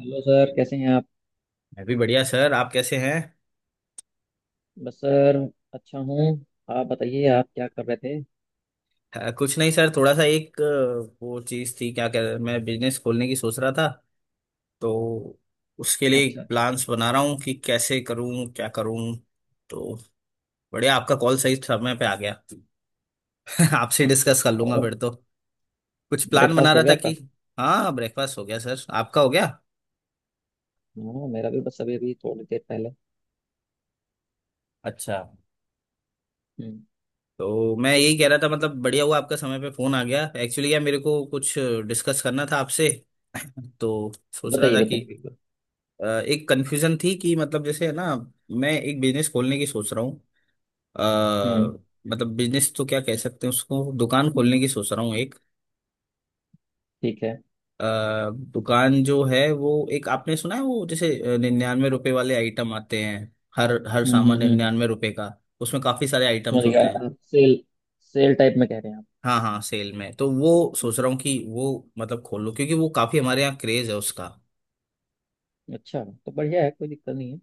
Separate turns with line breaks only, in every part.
Hello sir, कैसे हैं आप?
मैं भी बढ़िया सर आप कैसे हैं।
बस सर, अच्छा हूँ। आप बताइए, आप क्या कर रहे थे?
कुछ नहीं सर थोड़ा सा एक वो चीज़ थी क्या कह मैं बिजनेस खोलने की सोच रहा था तो उसके लिए
अच्छा, अच्छा।
प्लान्स बना रहा हूँ कि कैसे करूँ क्या करूँ। तो बढ़िया आपका कॉल सही समय पे आ गया। आपसे
अच्छा,
डिस्कस कर
अच्छा।
लूंगा
और
फिर तो। कुछ प्लान बना
ब्रेकफास्ट हो
रहा
गया
था
आपका?
कि। हाँ ब्रेकफास्ट हो गया सर आपका हो गया।
हाँ, मेरा भी बस अभी अभी थोड़ी देर पहले।
अच्छा।
हम्म।
तो मैं यही कह रहा था मतलब बढ़िया हुआ आपका समय पे फोन आ गया एक्चुअली यार मेरे को कुछ डिस्कस करना था आपसे। तो सोच रहा
बताइए,
था कि
बताइए, बिल्कुल।
एक कंफ्यूजन थी कि मतलब जैसे है ना। मैं एक बिजनेस खोलने की सोच रहा हूँ। अ,
हम्म।
मतलब बिजनेस तो क्या कह सकते हैं उसको दुकान खोलने की सोच रहा हूँ एक।
ठीक है।
दुकान जो है वो एक आपने सुना है वो जैसे 99 रुपए वाले आइटम आते हैं। हर हर सामान
हम्म।
99 रुपए का। उसमें काफी सारे
समझ
आइटम्स
गया,
होते हैं।
आप सेल, सेल टाइप में कह रहे हैं आप।
हाँ हाँ सेल में तो वो सोच रहा हूँ कि वो मतलब खोल लूँ क्योंकि वो काफी हमारे यहाँ क्रेज है उसका।
अच्छा, तो बढ़िया है, कोई दिक्कत नहीं है।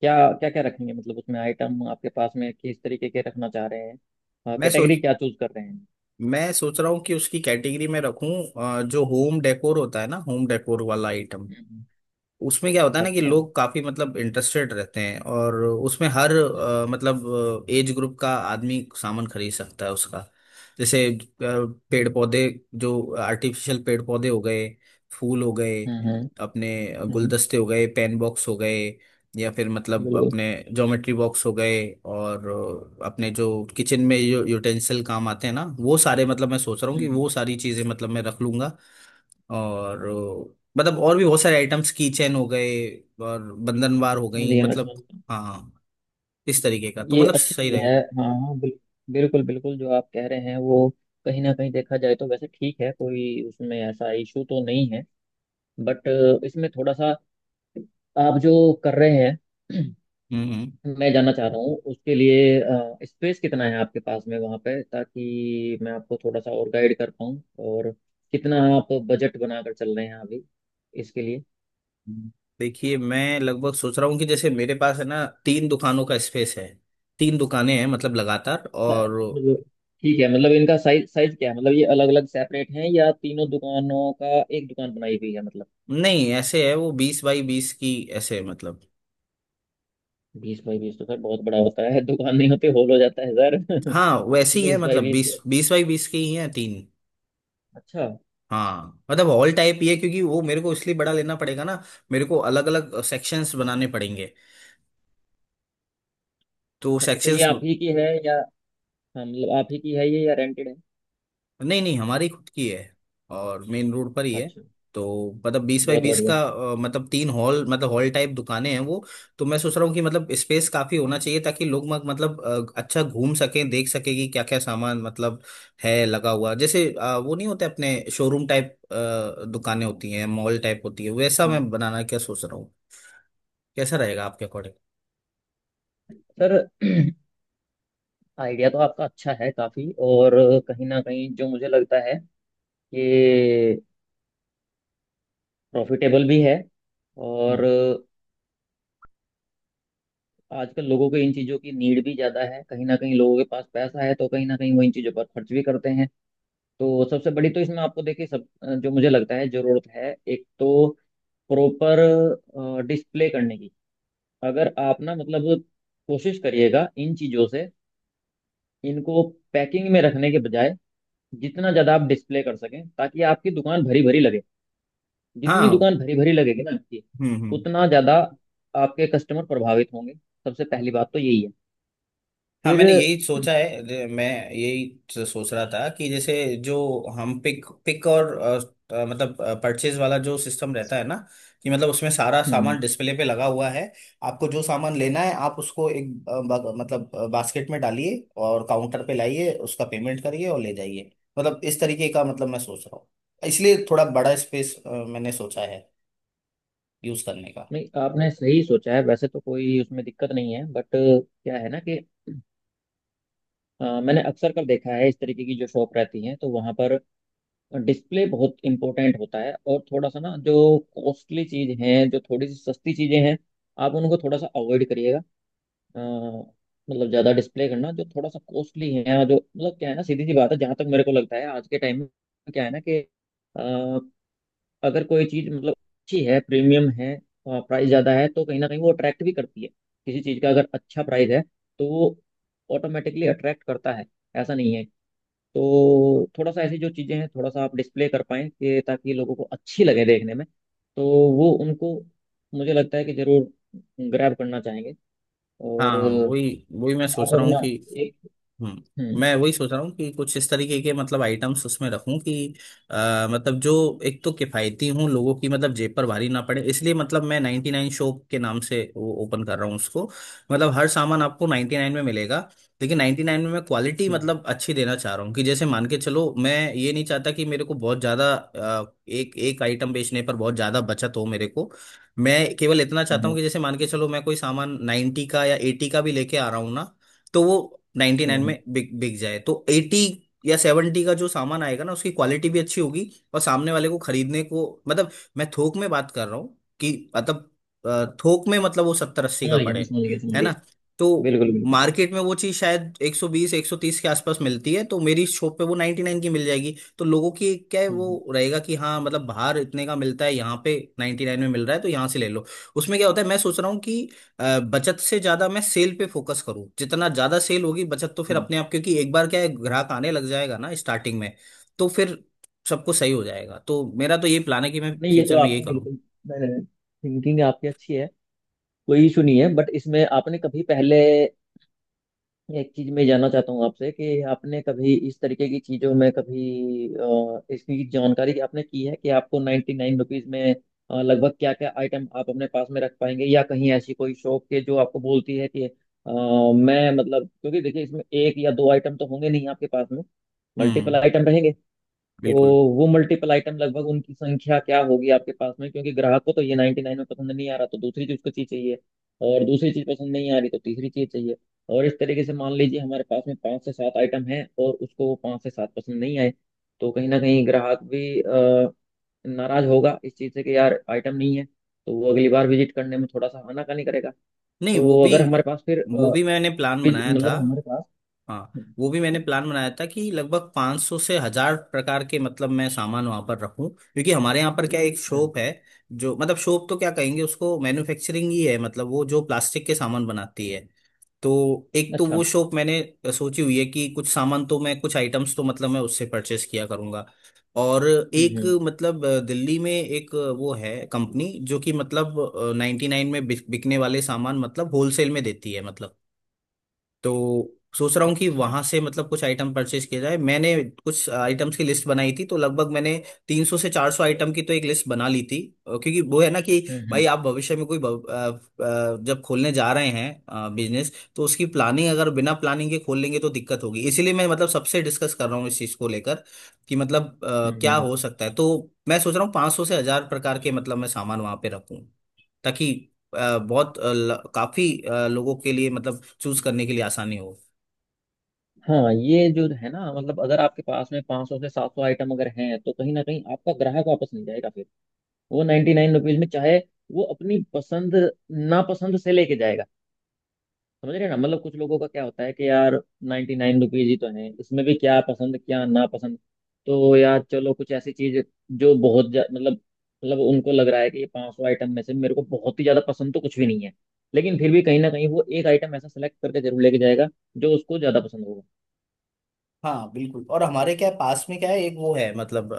क्या क्या क्या रखेंगे, मतलब उसमें आइटम आपके पास में किस तरीके के रखना चाह रहे हैं?
मैं
कैटेगरी
सोच
क्या चूज कर रहे हैं?
मैं सोच रहा हूँ कि उसकी कैटेगरी में रखूँ। जो होम डेकोर होता है ना होम डेकोर वाला आइटम।
हम्म।
उसमें क्या होता है ना कि
अच्छा।
लोग काफी मतलब इंटरेस्टेड रहते हैं और उसमें हर
हम्म
मतलब एज ग्रुप का आदमी सामान खरीद सकता है उसका। जैसे पेड़ पौधे जो आर्टिफिशियल पेड़ पौधे हो गए फूल हो गए
हम्म हम्म,
अपने
हम्म।
गुलदस्ते हो गए पेन बॉक्स हो गए या फिर मतलब
बिल्कुल।
अपने ज्योमेट्री बॉक्स हो गए और अपने जो किचन में जो यूटेंसिल काम आते हैं ना वो सारे मतलब मैं सोच रहा हूँ
हम्म,
कि
हम्म।
वो सारी चीजें मतलब मैं रख लूंगा। और मतलब और भी बहुत सारे आइटम्स की चैन हो गए और बंधनवार हो
समझ
गई
गया, मैं
मतलब।
समझ गया।
हाँ इस तरीके का तो
ये
मतलब
अच्छी
सही
चीज है।
रहे।
हाँ हाँ, बिल्कुल बिल्कुल, जो आप कह रहे हैं वो कहीं ना कहीं देखा जाए तो वैसे ठीक है, कोई उसमें ऐसा इशू तो नहीं है। बट इसमें थोड़ा सा, आप जो कर रहे हैं,
हम्म हम्म,
मैं जानना चाह रहा हूँ उसके लिए स्पेस कितना है आपके पास में वहाँ पे, ताकि मैं आपको थोड़ा सा और गाइड कर पाऊँ। और कितना आप बजट बनाकर चल रहे हैं अभी इसके लिए?
हम्म। देखिए मैं लगभग सोच रहा हूँ कि जैसे मेरे पास है ना तीन दुकानों का स्पेस है। तीन दुकानें हैं मतलब लगातार और।
मतलब ठीक है, मतलब इनका साइज साइज क्या है, मतलब ये अलग अलग सेपरेट हैं या तीनों दुकानों का एक दुकान बनाई हुई है मतलब?
नहीं ऐसे है वो 20x20 की ऐसे मतलब।
बीस बाई बीस तो सर बहुत बड़ा होता है, दुकान नहीं होती होल हो जाता है सर।
हाँ वैसे ही है
बीस बाई
मतलब
बीस
बीस
तो,
बीस बाई बीस की ही है तीन।
अच्छा।
हाँ मतलब हॉल टाइप ही है क्योंकि वो मेरे को इसलिए बड़ा लेना पड़ेगा ना। मेरे को अलग अलग सेक्शंस बनाने पड़ेंगे तो
अच्छा, तो ये
सेक्शंस।
आप ही की है या? हाँ, मतलब आप ही की है ये, या रेंटेड है?
नहीं नहीं हमारी खुद की है और मेन रोड पर ही है।
अच्छा।
तो मतलब बीस बाई
बहुत
बीस
बढ़िया।
का मतलब तीन हॉल मतलब हॉल टाइप दुकानें हैं वो। तो मैं सोच रहा हूँ कि मतलब स्पेस काफी होना चाहिए ताकि लोग मतलब अच्छा घूम सकें देख सके कि क्या क्या सामान मतलब है लगा हुआ जैसे वो नहीं होते अपने शोरूम टाइप दुकानें होती हैं मॉल टाइप होती है वैसा
हम्म।
मैं बनाना क्या सोच रहा हूँ। कैसा रहेगा आपके अकॉर्डिंग।
सर आइडिया तो आपका अच्छा है काफी, और कहीं ना कहीं जो मुझे लगता है कि प्रॉफिटेबल भी है, और आजकल लोगों को इन चीज़ों की नीड भी ज़्यादा है, कहीं ना कहीं लोगों के पास पैसा है, तो कहीं ना कहीं वो इन चीज़ों पर खर्च भी करते हैं। तो सबसे बड़ी तो इसमें आपको देखिए, सब जो मुझे लगता है जरूरत है, एक तो प्रॉपर डिस्प्ले करने की। अगर आप ना मतलब, कोशिश करिएगा इन चीज़ों से, इनको पैकिंग में रखने के बजाय जितना ज़्यादा आप डिस्प्ले कर सकें ताकि आपकी दुकान भरी भरी लगे। जितनी
हाँ
दुकान भरी भरी लगेगी ना आपकी,
हम्म।
उतना ज़्यादा आपके कस्टमर प्रभावित होंगे। सबसे पहली बात तो यही है।
हाँ
फिर,
मैंने यही सोचा है मैं यही सोच रहा था कि जैसे जो हम पिक पिक और मतलब परचेज वाला जो सिस्टम रहता है ना कि मतलब उसमें सारा
हम्म।
सामान डिस्प्ले पे लगा हुआ है। आपको जो सामान लेना है आप उसको एक मतलब बास्केट में डालिए और काउंटर पे लाइए उसका पेमेंट करिए और ले जाइए। मतलब इस तरीके का मतलब मैं सोच रहा हूँ इसलिए थोड़ा बड़ा स्पेस मैंने सोचा है यूज करने का।
नहीं, आपने सही सोचा है, वैसे तो कोई उसमें दिक्कत नहीं है। बट क्या है ना कि मैंने अक्सर कर देखा है, इस तरीके की जो शॉप रहती हैं तो वहाँ पर डिस्प्ले बहुत इंपॉर्टेंट होता है। और थोड़ा सा ना, जो कॉस्टली चीज हैं, जो थोड़ी सी सस्ती चीजें हैं, आप उनको थोड़ा सा अवॉइड करिएगा। अ, मतलब ज़्यादा डिस्प्ले करना जो थोड़ा सा कॉस्टली है, जो मतलब क्या है ना, सीधी सी बात है, जहाँ तक मेरे को लगता है आज के टाइम में, क्या है ना कि अगर कोई चीज मतलब अच्छी है, प्रीमियम है, प्राइस ज्यादा है, तो कहीं ना कहीं वो अट्रैक्ट भी करती है। किसी चीज का अगर अच्छा प्राइस है, तो वो ऑटोमेटिकली अट्रैक्ट करता है, ऐसा नहीं है? तो थोड़ा सा ऐसी जो चीजें हैं थोड़ा सा आप डिस्प्ले कर पाएं कि ताकि लोगों को अच्छी लगे देखने में। तो वो उनको मुझे लगता है कि जरूर ग्रैब करना चाहेंगे। और
हाँ वही वही मैं सोच
आप
रहा हूँ
अपना
कि।
एक, हम्म
मैं वही सोच रहा हूँ कि कुछ इस तरीके के मतलब आइटम्स उसमें रखूं कि मतलब जो एक तो किफ़ायती हूँ लोगों की मतलब जेब पर भारी ना पड़े इसलिए मतलब मैं 99 शॉप के नाम से वो ओपन कर रहा हूँ उसको। मतलब हर सामान आपको 99 में मिलेगा लेकिन 99 में मैं क्वालिटी
हम्म
मतलब अच्छी देना चाह रहा हूँ कि जैसे मान के चलो मैं ये नहीं चाहता कि मेरे को बहुत ज़्यादा एक एक आइटम बेचने पर बहुत ज़्यादा बचत हो मेरे को। मैं केवल इतना चाहता हूँ
हम्म
कि जैसे मान के चलो मैं कोई सामान 90 का या 80 का भी लेके आ रहा हूँ ना तो वो 99 में
हम्म।
बिक बिक जाए तो 80 या 70 का जो सामान आएगा ना उसकी क्वालिटी भी अच्छी होगी और सामने वाले को खरीदने को मतलब मैं थोक में बात कर रहा हूँ कि मतलब थोक में मतलब वो 70-80 का
समझ गया, मैं
पड़े
समझ गया, समझ
है ना।
गया।
तो
बिल्कुल बिल्कुल बिल्कुल।
मार्केट में वो चीज़ शायद 120 130 के आसपास मिलती है तो मेरी शॉप पे वो 99 की मिल जाएगी तो लोगों की क्या है
हम्म हम्म
वो रहेगा कि हाँ मतलब बाहर इतने का मिलता है यहाँ पे 99 में मिल रहा है तो यहाँ से ले लो। उसमें क्या होता है मैं सोच रहा हूँ कि बचत से ज्यादा मैं सेल पे फोकस करूं जितना ज्यादा सेल होगी बचत तो फिर
हम्म।
अपने आप क्योंकि एक बार क्या है ग्राहक आने लग जाएगा ना स्टार्टिंग में तो फिर सबको सही हो जाएगा तो मेरा तो ये प्लान है कि मैं
नहीं ये
फ्यूचर
तो
में यही
आपने
करूं।
बिल्कुल, थिंकिंग आपकी अच्छी है, कोई इशू नहीं है। बट इसमें आपने कभी पहले, एक चीज में जानना चाहता हूँ आपसे कि आपने कभी इस तरीके की चीजों में कभी इसकी जानकारी आपने की है कि आपको 99 रुपीज में लगभग क्या क्या आइटम आप अपने पास में रख पाएंगे, या कहीं ऐसी कोई शॉप के जो आपको बोलती है कि मैं मतलब क्योंकि देखिए, इसमें एक या दो आइटम तो होंगे नहीं आपके पास में, मल्टीपल
हम्म।
आइटम रहेंगे। तो
बिल्कुल।
वो मल्टीपल आइटम लगभग उनकी संख्या क्या होगी आपके पास में? क्योंकि ग्राहक को तो ये 99 में पसंद नहीं आ रहा, तो दूसरी चीज उसको चीज चाहिए। और दूसरी चीज पसंद नहीं आ रही तो तीसरी चीज चाहिए। और इस तरीके से मान लीजिए हमारे पास में 5 से 7 आइटम हैं और उसको वो 5 से 7 पसंद नहीं आए, तो कहीं ना कहीं ग्राहक भी नाराज होगा इस चीज से कि यार आइटम नहीं है, तो वो अगली बार विजिट करने में थोड़ा सा आनाकानी करेगा।
नहीं
तो अगर हमारे पास फिर
वो भी मैंने प्लान बनाया था।
मतलब हमारे पास,
हाँ
हम्म,
वो भी मैंने प्लान बनाया था कि लगभग 500 से हजार प्रकार के मतलब मैं सामान वहां पर रखूं क्योंकि हमारे यहाँ पर क्या एक शॉप है जो मतलब शॉप तो क्या कहेंगे उसको मैन्युफैक्चरिंग ही है मतलब वो जो प्लास्टिक के सामान बनाती है। तो एक तो
अच्छा।
वो शॉप मैंने सोची हुई है कि कुछ सामान तो मैं कुछ आइटम्स तो मतलब मैं उससे परचेस किया करूंगा। और एक
हम्म।
मतलब दिल्ली में एक वो है कंपनी जो कि मतलब 99 में बिकने वाले सामान मतलब होलसेल में देती है मतलब। तो सोच रहा हूँ कि
अच्छा।
वहां से मतलब कुछ आइटम परचेज किया जाए मैंने कुछ आइटम्स की लिस्ट बनाई थी तो लगभग मैंने 300 से 400 आइटम की तो एक लिस्ट बना ली थी। क्योंकि वो है ना कि
हम्म
भाई
हम्म
आप भविष्य में कोई जब खोलने जा रहे हैं बिजनेस तो उसकी प्लानिंग अगर बिना प्लानिंग के खोल लेंगे तो दिक्कत होगी इसीलिए मैं मतलब सबसे डिस्कस कर रहा हूँ इस चीज को लेकर कि मतलब
हम्म
क्या
हम्म।
हो सकता है तो। मैं सोच रहा हूँ 500 से हजार प्रकार के मतलब मैं सामान वहां पे रखूँ ताकि बहुत काफी लोगों के लिए मतलब चूज करने के लिए आसानी हो।
हाँ, ये जो है ना, मतलब अगर आपके पास में 500 से 700 आइटम अगर हैं तो कहीं ना कहीं आपका ग्राहक वापस नहीं जाएगा फिर। वो 99 रुपीज में चाहे, वो अपनी पसंद नापसंद से लेके जाएगा। समझ रहे हैं ना? मतलब कुछ लोगों का क्या होता है कि यार 99 रुपीज ही तो है, इसमें भी क्या पसंद क्या नापसंद। तो यार चलो कुछ ऐसी चीज जो बहुत मतलब उनको लग रहा है कि ये 500 आइटम में से मेरे को बहुत ही ज्यादा पसंद तो कुछ भी नहीं है, लेकिन फिर भी कहीं ना कहीं वो एक आइटम ऐसा सेलेक्ट करके जरूर लेके जाएगा जो उसको ज्यादा पसंद होगा।
हाँ बिल्कुल और हमारे क्या है, पास में क्या है एक वो है मतलब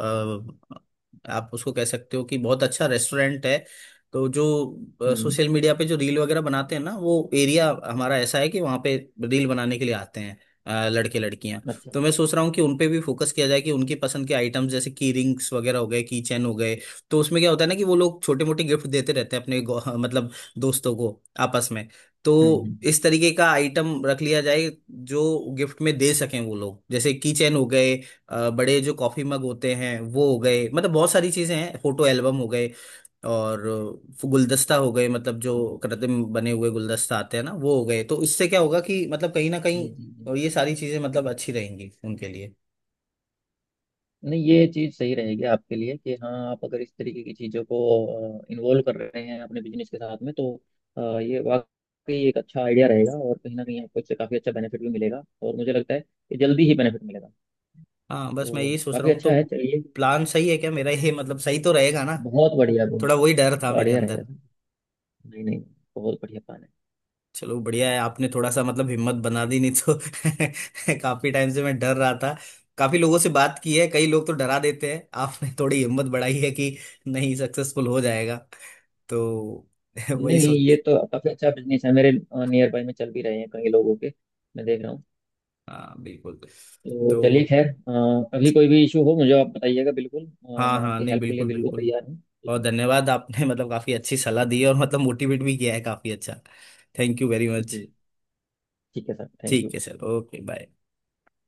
आप उसको कह सकते हो कि बहुत अच्छा रेस्टोरेंट है। तो जो
हम्म।
सोशल मीडिया पे जो रील वगैरह बनाते हैं ना वो एरिया हमारा ऐसा है कि वहाँ पे रील बनाने के लिए आते हैं लड़के लड़कियां।
अच्छा।
तो मैं सोच रहा हूँ कि उन पे भी फोकस किया जाए कि उनकी पसंद के आइटम्स जैसे की रिंग्स वगैरह हो गए की चैन हो गए तो उसमें क्या होता है ना कि वो लोग छोटे मोटे गिफ्ट देते रहते हैं अपने मतलब दोस्तों को आपस में। तो
हम्म हम्म, हम्म।
इस तरीके का आइटम रख लिया जाए जो गिफ्ट में दे सकें वो लोग जैसे की चेन हो गए बड़े जो कॉफी मग होते हैं वो हो गए मतलब बहुत सारी चीजें हैं फोटो एल्बम हो गए और गुलदस्ता हो गए मतलब जो कृत्रिम बने हुए गुलदस्ता आते हैं ना वो हो गए तो इससे क्या होगा कि मतलब कहीं ना
जी
कहीं
जी जी।
ये सारी चीजें मतलब अच्छी रहेंगी उनके लिए।
नहीं ये चीज़ सही रहेगी आपके लिए कि हाँ, आप अगर इस तरीके की चीज़ों को इन्वॉल्व कर रहे हैं अपने बिजनेस के साथ में, तो ये वाकई एक अच्छा आइडिया रहेगा, और कहीं ना कहीं आपको इससे काफ़ी अच्छा बेनिफिट भी मिलेगा, और मुझे लगता है कि जल्दी ही बेनिफिट मिलेगा।
हाँ बस मैं
तो
यही सोच रहा
काफ़ी
हूँ
अच्छा
तो
है। चलिए,
प्लान सही है क्या मेरा ये मतलब सही तो रहेगा ना।
बहुत बढ़िया, बहुत
थोड़ा वही डर था मेरे
बढ़िया
अंदर।
रहेगा। नहीं नहीं, बहुत बढ़िया प्लान है।
चलो बढ़िया है आपने थोड़ा सा मतलब हिम्मत बना दी नहीं तो काफी टाइम से मैं डर रहा था। काफी लोगों से बात की है कई लोग तो डरा देते हैं आपने थोड़ी हिम्मत बढ़ाई है कि नहीं सक्सेसफुल हो जाएगा तो वही
नहीं ये
सोच।
तो काफ़ी अच्छा बिजनेस है, मेरे नियर बाय में चल भी रहे हैं कई लोगों के, मैं देख रहा हूँ।
हाँ बिल्कुल
तो
तो।
चलिए खैर, अभी कोई भी इशू हो मुझे आप बताइएगा बिल्कुल,
हाँ
मैं
हाँ
आपकी
नहीं
हेल्प के लिए
बिल्कुल
बिल्कुल
बिल्कुल।
तैयार हूँ। ठीक
और
है?
धन्यवाद आपने मतलब काफी अच्छी सलाह दी है और मतलब मोटिवेट भी किया है काफी अच्छा। Thank you very much.
जी, ठीक है सर, थैंक
ठीक
यू।
है सर ओके बाय।